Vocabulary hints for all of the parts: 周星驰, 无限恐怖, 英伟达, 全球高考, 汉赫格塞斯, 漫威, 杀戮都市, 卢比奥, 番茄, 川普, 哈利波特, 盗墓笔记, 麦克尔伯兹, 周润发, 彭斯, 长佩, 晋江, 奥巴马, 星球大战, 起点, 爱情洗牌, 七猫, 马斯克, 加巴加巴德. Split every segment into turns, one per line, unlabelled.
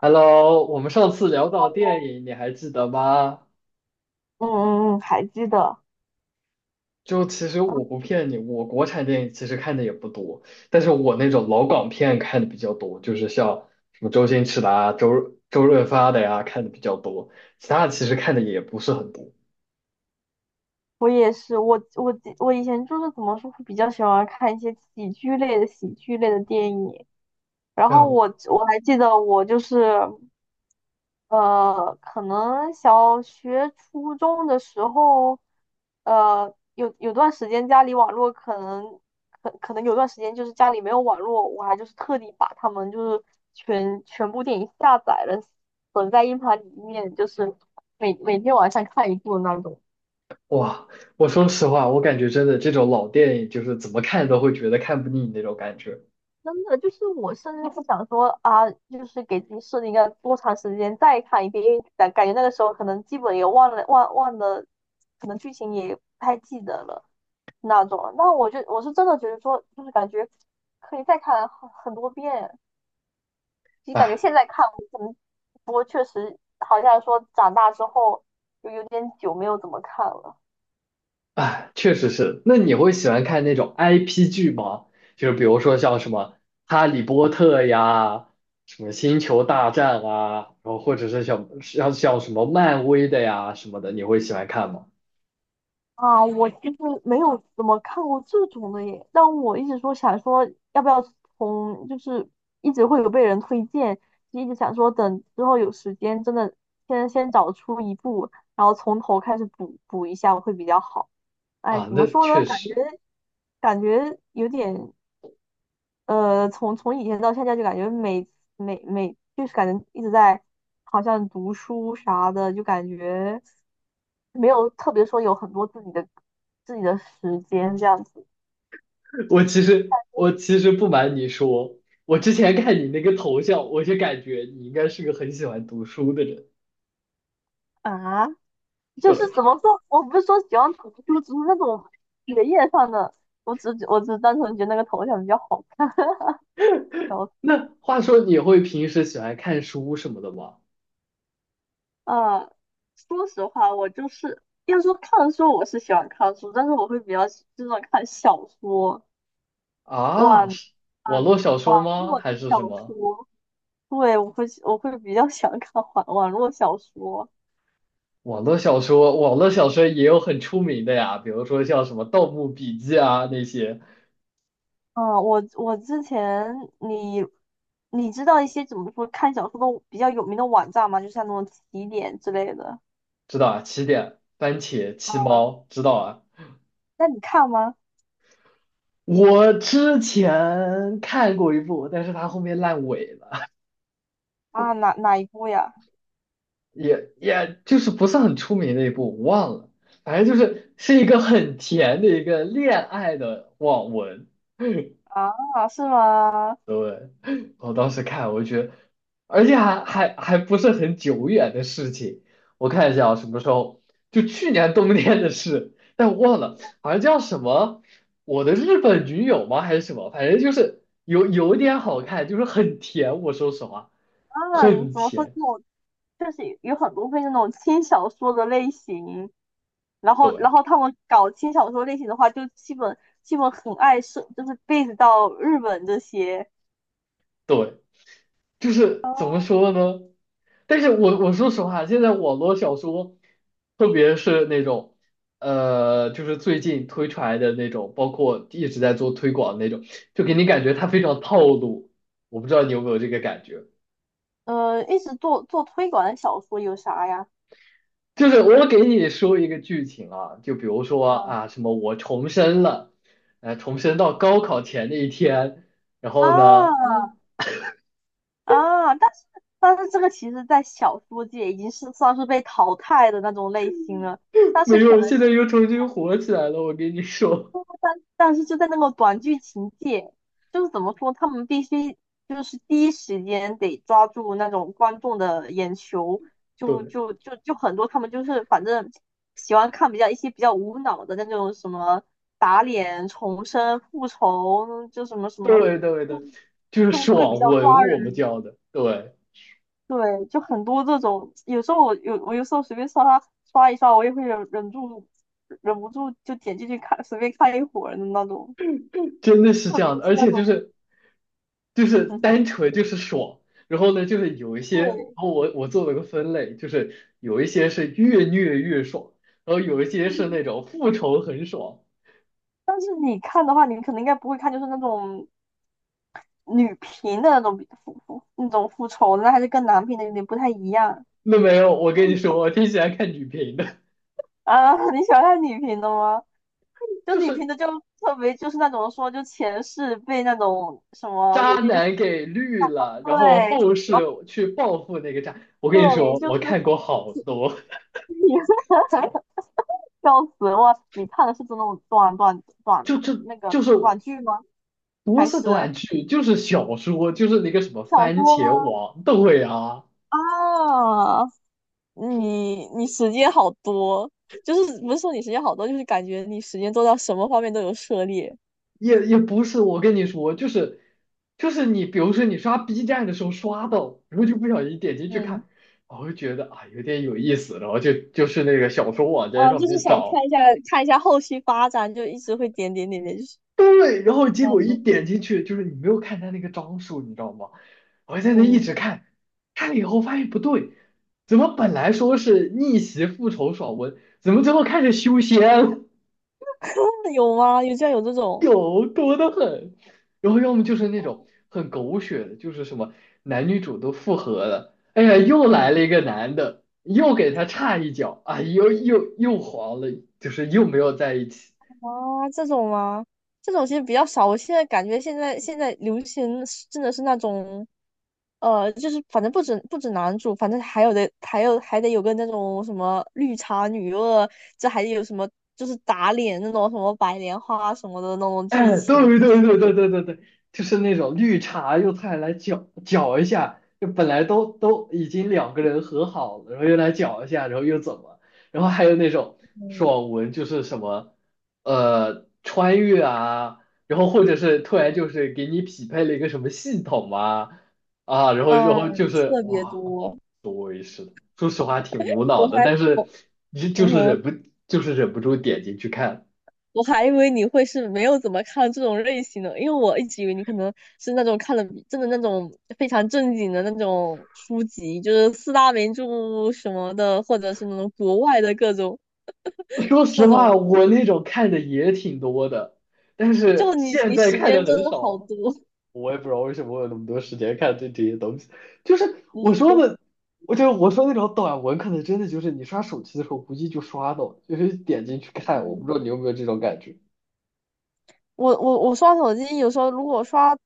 Hello，我们上次聊到电影，你还记得吗？
嗯嗯嗯，还记得。
就其实我
嗯
不骗你，我国产电影其实看的也不多，但是我那种老港片看的比较多，就是像什么周星驰的啊、周润发的呀、看的比较多，其他的其实看的也不是很多。
我也是。我以前就是怎么说，会比较喜欢看一些喜剧类的电影。然后
啊，
我还记得，我就是可能小学、初中的时候，有段时间家里网络可能有段时间就是家里没有网络，我还就是特地把他们就是全部电影下载了，存在硬盘里面，就是每天晚上看一部那种。
哇，我说实话，我感觉真的这种老电影就是怎么看都会觉得看不腻那种感觉。
真的就是我甚至不想说啊，就是给自己设定一个多长时间再看一遍，因为感觉那个时候可能基本也忘了，可能剧情也不太记得了那种了。那我是真的觉得说，就是感觉可以再看很多遍。其实感觉
唉
现在看，我可能不过确实好像说长大之后就有点久没有怎么看了。
哎，确实是。那你会喜欢看那种 IP 剧吗？就是比如说像什么《哈利波特》呀，什么《星球大战》啊，然后或者是像什么漫威的呀什么的，你会喜欢看吗？
啊，我其实没有怎么看过这种的耶，但我一直说想说要不要从，就是一直会有被人推荐，就一直想说等之后有时间，真的先找出一部，然后从头开始补补一下会比较好。哎，
啊，
怎么
那
说呢？
确
感
实。
觉感觉有点，从以前到现在，就感觉每每每就是感觉一直在好像读书啥的，就感觉没有特别说有很多自己的时间这样子。
我其实不瞒你说，我之前看你那个头像，我就感觉你应该是个很喜欢读书的人。
啊，就是
对，
怎么说，我不是说喜欢读书，只是那种学业上的，我只单纯觉得那个头像比较好看。然后
那话说你会平时喜欢看书什么的吗？
呃，说实话，我就是要说看书，我是喜欢看书，但是我会比较就是那种看小说。哇，
啊，
嗯。
是网络小说吗？
络的
还是
小
什么？
说，对，我会比较想看网络小说。
网络小说，网络小说也有很出名的呀，比如说像什么《盗墓笔记》啊那些，
嗯，我之前你你知道一些怎么说看小说的比较有名的网站吗？就像那种起点之类的。
知道啊？起点、番茄、
啊，
七猫，知道啊？
那你看吗？
我之前看过一部，但是它后面烂尾了，
啊，哪一部呀？
也就是不是很出名的一部，我忘了。反正就是是一个很甜的一个恋爱的网文，
啊，是吗？
对，我当时看，我就觉得，而且还不是很久远的事情。我看一下啊，什么时候？就去年冬天的事，但我忘了，好像叫什么“我的日本女友”吗？还是什么？反正就是有一点好看，就是很甜。我说实话，
啊，
很
怎么说这
甜。
种就是有很多会那种轻小说的类型，然后
对
他们搞轻小说类型的话，就基本很爱是就是 base 到日本这些。
对。就是怎么说呢？但是我说实话，现在网络小说，特别是那种，就是最近推出来的那种，包括一直在做推广的那种，就给你感觉它非常套路。我不知道你有没有这个感觉，
一直做推广的小说有啥呀？
就是我给你说一个剧情啊，就比如说啊，
啊
什么我重生了，重生到高考前的一天，然
啊
后呢，
啊，但是这个其实，在小说界已经是算是被淘汰的那种类型了。但
没
是可
有，
能
现
就
在
是，
又重新火起来了。我给你说，
但是就在那个短剧情界，就是怎么说，他们必须就是第一时间得抓住那种观众的眼球，就
对。
就就就很多他们就是反正喜欢看比较一些比较无脑的那种什么打脸、重生、复仇，就什么什么。
对对
就。
对，就是
就会比
爽
较抓
文，我们
人。
叫的，对，
对，就很多这种，有时候我有时候随便刷一刷，我也会忍住，忍不住就点进去看，随便看一会儿的那种。
真的是
特
这
别
样的，
是
而
那
且就
种，
是就是
嗯
单
哼，
纯就是爽，然后呢，就是有一些，然
对。
后我做了个分类，就是有一些是越虐越爽，然后有一些是那种复仇很爽。
但是你看的话，你可能应该不会看，就是那种女频的那种比复复那种复仇的，那还是跟男频的有点不太一样。
那没有，我
就
跟你说，我挺喜欢看女频的，
啊，你喜欢看女频的吗？就
就
女频
是
的就特别就是那种说就前世被那种什么，
渣
有些就是
男给绿了，然后
对，
后世
然后。
去报复那个渣。我
对，
跟你说，
就
我
是
看过好多，
你，笑死我！你看的是这种短短 短
就就
那个
就是。
短剧吗？
不
还
是
是
短剧，就是小说，就是那个什么
小
番
说吗？
茄王，对啊，
啊，你时间好多，就是不是说你时间好多，就是感觉你时间做到什么方面都有涉猎。
也不是。我跟你说，就是你，比如说你刷 B 站的时候刷到，然后就不小心点进去
嗯，
看，然后就觉得啊有点有意思，然后就是那个小说网站上
就是
面
想
找，
看一下后续发展，就一直会点点点点，就是
对，然后结
那
果一
种，
点进去，就是你没有看他那个章数，你知道吗？我在那一
嗯，
直看，看了以后发现不对，怎么本来说是逆袭复仇爽文，怎么最后开始修仙了？
真的有吗？有这样有这 种，
有多的很，然后要么就是那种很狗血的，就是什么男女主都复合了，哎呀，又来了
嗯。
一个男的，又给他插一脚，啊，又黄了，就是又没有在一起。
啊，这种吗？这种其实比较少。我现在感觉现在流行是真的是那种，就是反正不止男主，反正还有的还有还得有个那种什么绿茶女二，这还有什么就是打脸那种什么白莲花什么的那种剧
哎，
情，
对对
就
对对对对对，就是那种绿茶用菜来搅搅一下，就本来都已经两个人和好了，然后又来搅一下，然后又怎么，然后还有那种
嗯
爽文，就是什么穿越啊，然后或者是突然就是给你匹配了一个什么系统啊，然后就
嗯
是
特别
哇，
多。
对是的，说实话挺无脑
我
的，
还
但是
我
你就
嗯
是
哼。
忍不住点进去看。
我还以为你会是没有怎么看这种类型的，因为我一直以为你可能是那种看了比真的那种非常正经的那种书籍，就是四大名著什么的，或者是那种国外的各种
说实
那
话，
种，
我那种看的也挺多的，但是
就你
现
你
在
时
看的
间真
很
的好
少，
多，
我也不知道为什么我有那么多时间看这些东西。就是
你
我
时
说
间
的，我说那种短文，可能真的就是你刷手机的时候，估计就刷到，就是点进去看。我不知
嗯。
道你有没有这种感觉。
我刷手机，有时候如果刷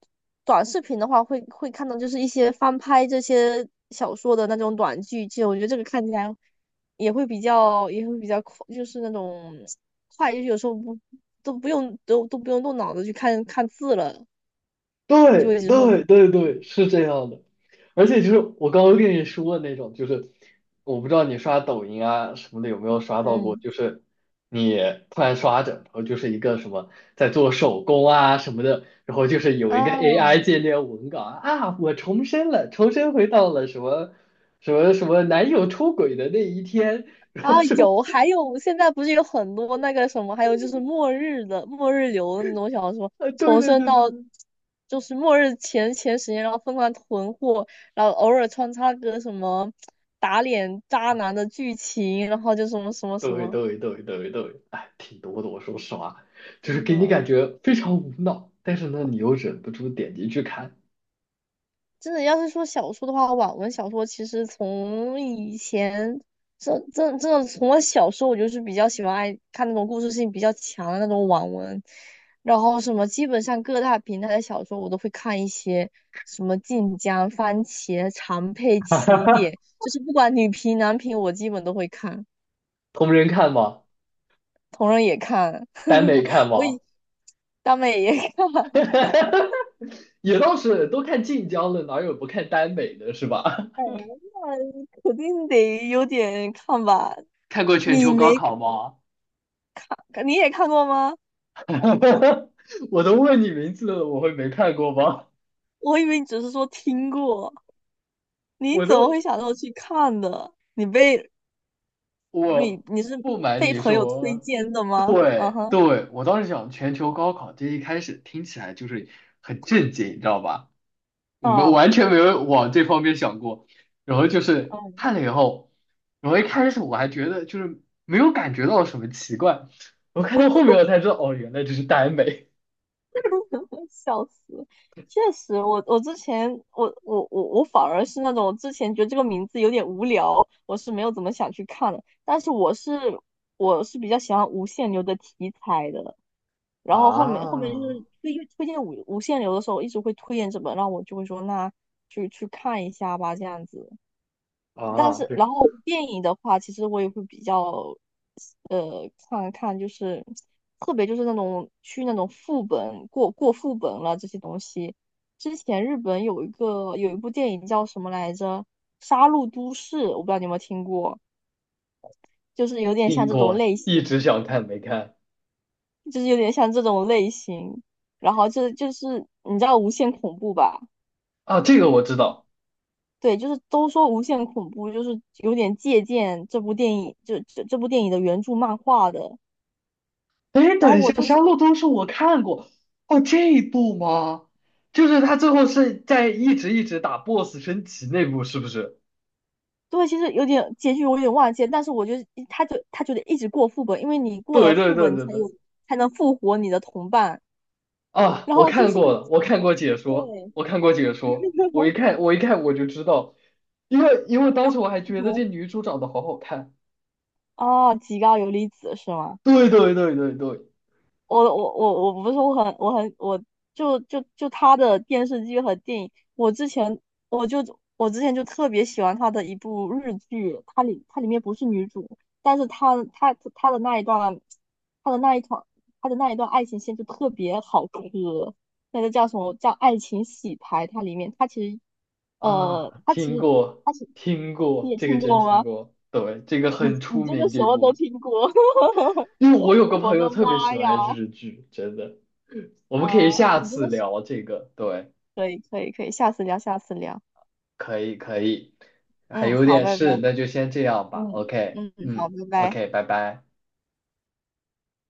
短视频的话，会看到就是一些翻拍这些小说的那种短剧集，我觉得这个看起来也会比较快，就是那种快，就是有时候不都不用都都不用动脑子去看看字了，就
对
会一直说
对对对，是这样的。而且就是我刚刚跟你说的那种，就是我不知道你刷抖音啊什么的有没有刷到过，
嗯
就是你突然刷着，然后就是一个什么在做手工啊什么的，然后就是有一个 AI
哦
界面文稿啊，啊我重生了，重生回到了什么什么男友出轨的那一天，然后说
有，还有现在不是有很多那个什么，还有就是末日流的那种小说，
啊，对
重
对
生
对对对，
到就是末日前10年，然后疯狂囤货，然后偶尔穿插个什么打脸渣男的剧情，然后就什么什么
对
什么。
对对对对，哎，挺多的。我说实话，就是
真
给你感
的
觉非常无脑，但是呢，你又忍不住点进去看。
真的，要是说小说的话，网文小说其实从以前，这这这从我小时候，我就是比较喜欢爱看那种故事性比较强的那种网文，然后什么基本上各大平台的小说我都会看一些，什么晋江、番茄、长佩、起点，就是不管女频男频，我基本都会看，
同人看吗？
同人也看，
耽美看
我
吗？
以大美也看，
也倒是，都看晋江了，哪有不看耽美的，是吧？
哎呀，那肯定得有点看吧。
看过《全
你
球高
没
考》吗？
你也看过吗？
我都问你名字了，我会没看过吗？
我以为你只是说听过，你
我
怎么会
都，
想到去看的？你被你
我
你是
不瞒
被
你
朋友推
说，
荐的吗？嗯
对
哼，
对，我当时想《全球高考》这一开始听起来就是很震惊，你知道吧？我们
啊，
完全没有往这方面想过。然后就是
嗯，
看了以后，然后一开始我还觉得就是没有感觉到什么奇怪，我看到后面我才知道，哦，原来这是耽美。
笑死！确实，我我之前我我我我反而是那种，我之前觉得这个名字有点无聊，我是没有怎么想去看的。但是我是比较喜欢无限流的题材的，然后后面就
啊
是推荐无限流的时候，一直会推荐这本，然后我就会说那去看一下吧，这样子。但
啊，
是然
是
后电影的话，其实我也会比较看看，就是特别就是那种去那种副本过副本了这些东西。之前日本有一部电影叫什么来着，《杀戮都市》，我不知道你有没有听过，就是有点像
听
这种
过，
类
一
型。
直想看没看
就是有点像这种类型。然后这就是你知道《无限恐怖》吧？
啊，这个我知道。
对，就是都说《无限恐怖》就是有点借鉴这部电影，就这部电影的原著漫画的。
哎，
然后
等一
我
下，
就
《杀
是
戮都市》我看过，哦，这一部吗？就是他最后是在一直打 BOSS 升级那部，是不是？
对，其实有点结局我有点忘记了，但是我觉得他就得一直过副本，因为你过了
对对
副
对
本，你
对
才有
对，
才能复活你的同伴。
啊，
然
我
后就
看
是
过了，我看过解说，
对，
我看过解 说，我一看，我一看我就知道，因为当
然
时我还觉得
后
这女主长得好好看。
哦，极高游离子是吗？
对对对对对，
我我我我不是我很我很我就就就他的电视剧和电影，我就我之前就特别喜欢他的一部日剧，它里面不是女主，但是他的那一段，他的那一场他的那一段爱情线就特别好磕。那个叫什么叫爱情洗牌，它里面它其实呃
啊，
它
听
其实
过
它是
听
你
过，
也
这个
听
真
过
听
吗？
过，对，这个
你
很出
你真的
名
什
这
么都
部，
听过，
因为我有个
我
朋友
的
特别喜
妈呀！
欢日剧，真的，我们可以
啊，
下
你真
次
的是。
聊这个，对，
可以可以可以，下次聊，下次聊。
可以可以，还
嗯，
有
好，
点
拜
事，那
拜。
就先这样吧
嗯
，OK，
嗯，好，
嗯
拜拜。
，OK，拜拜。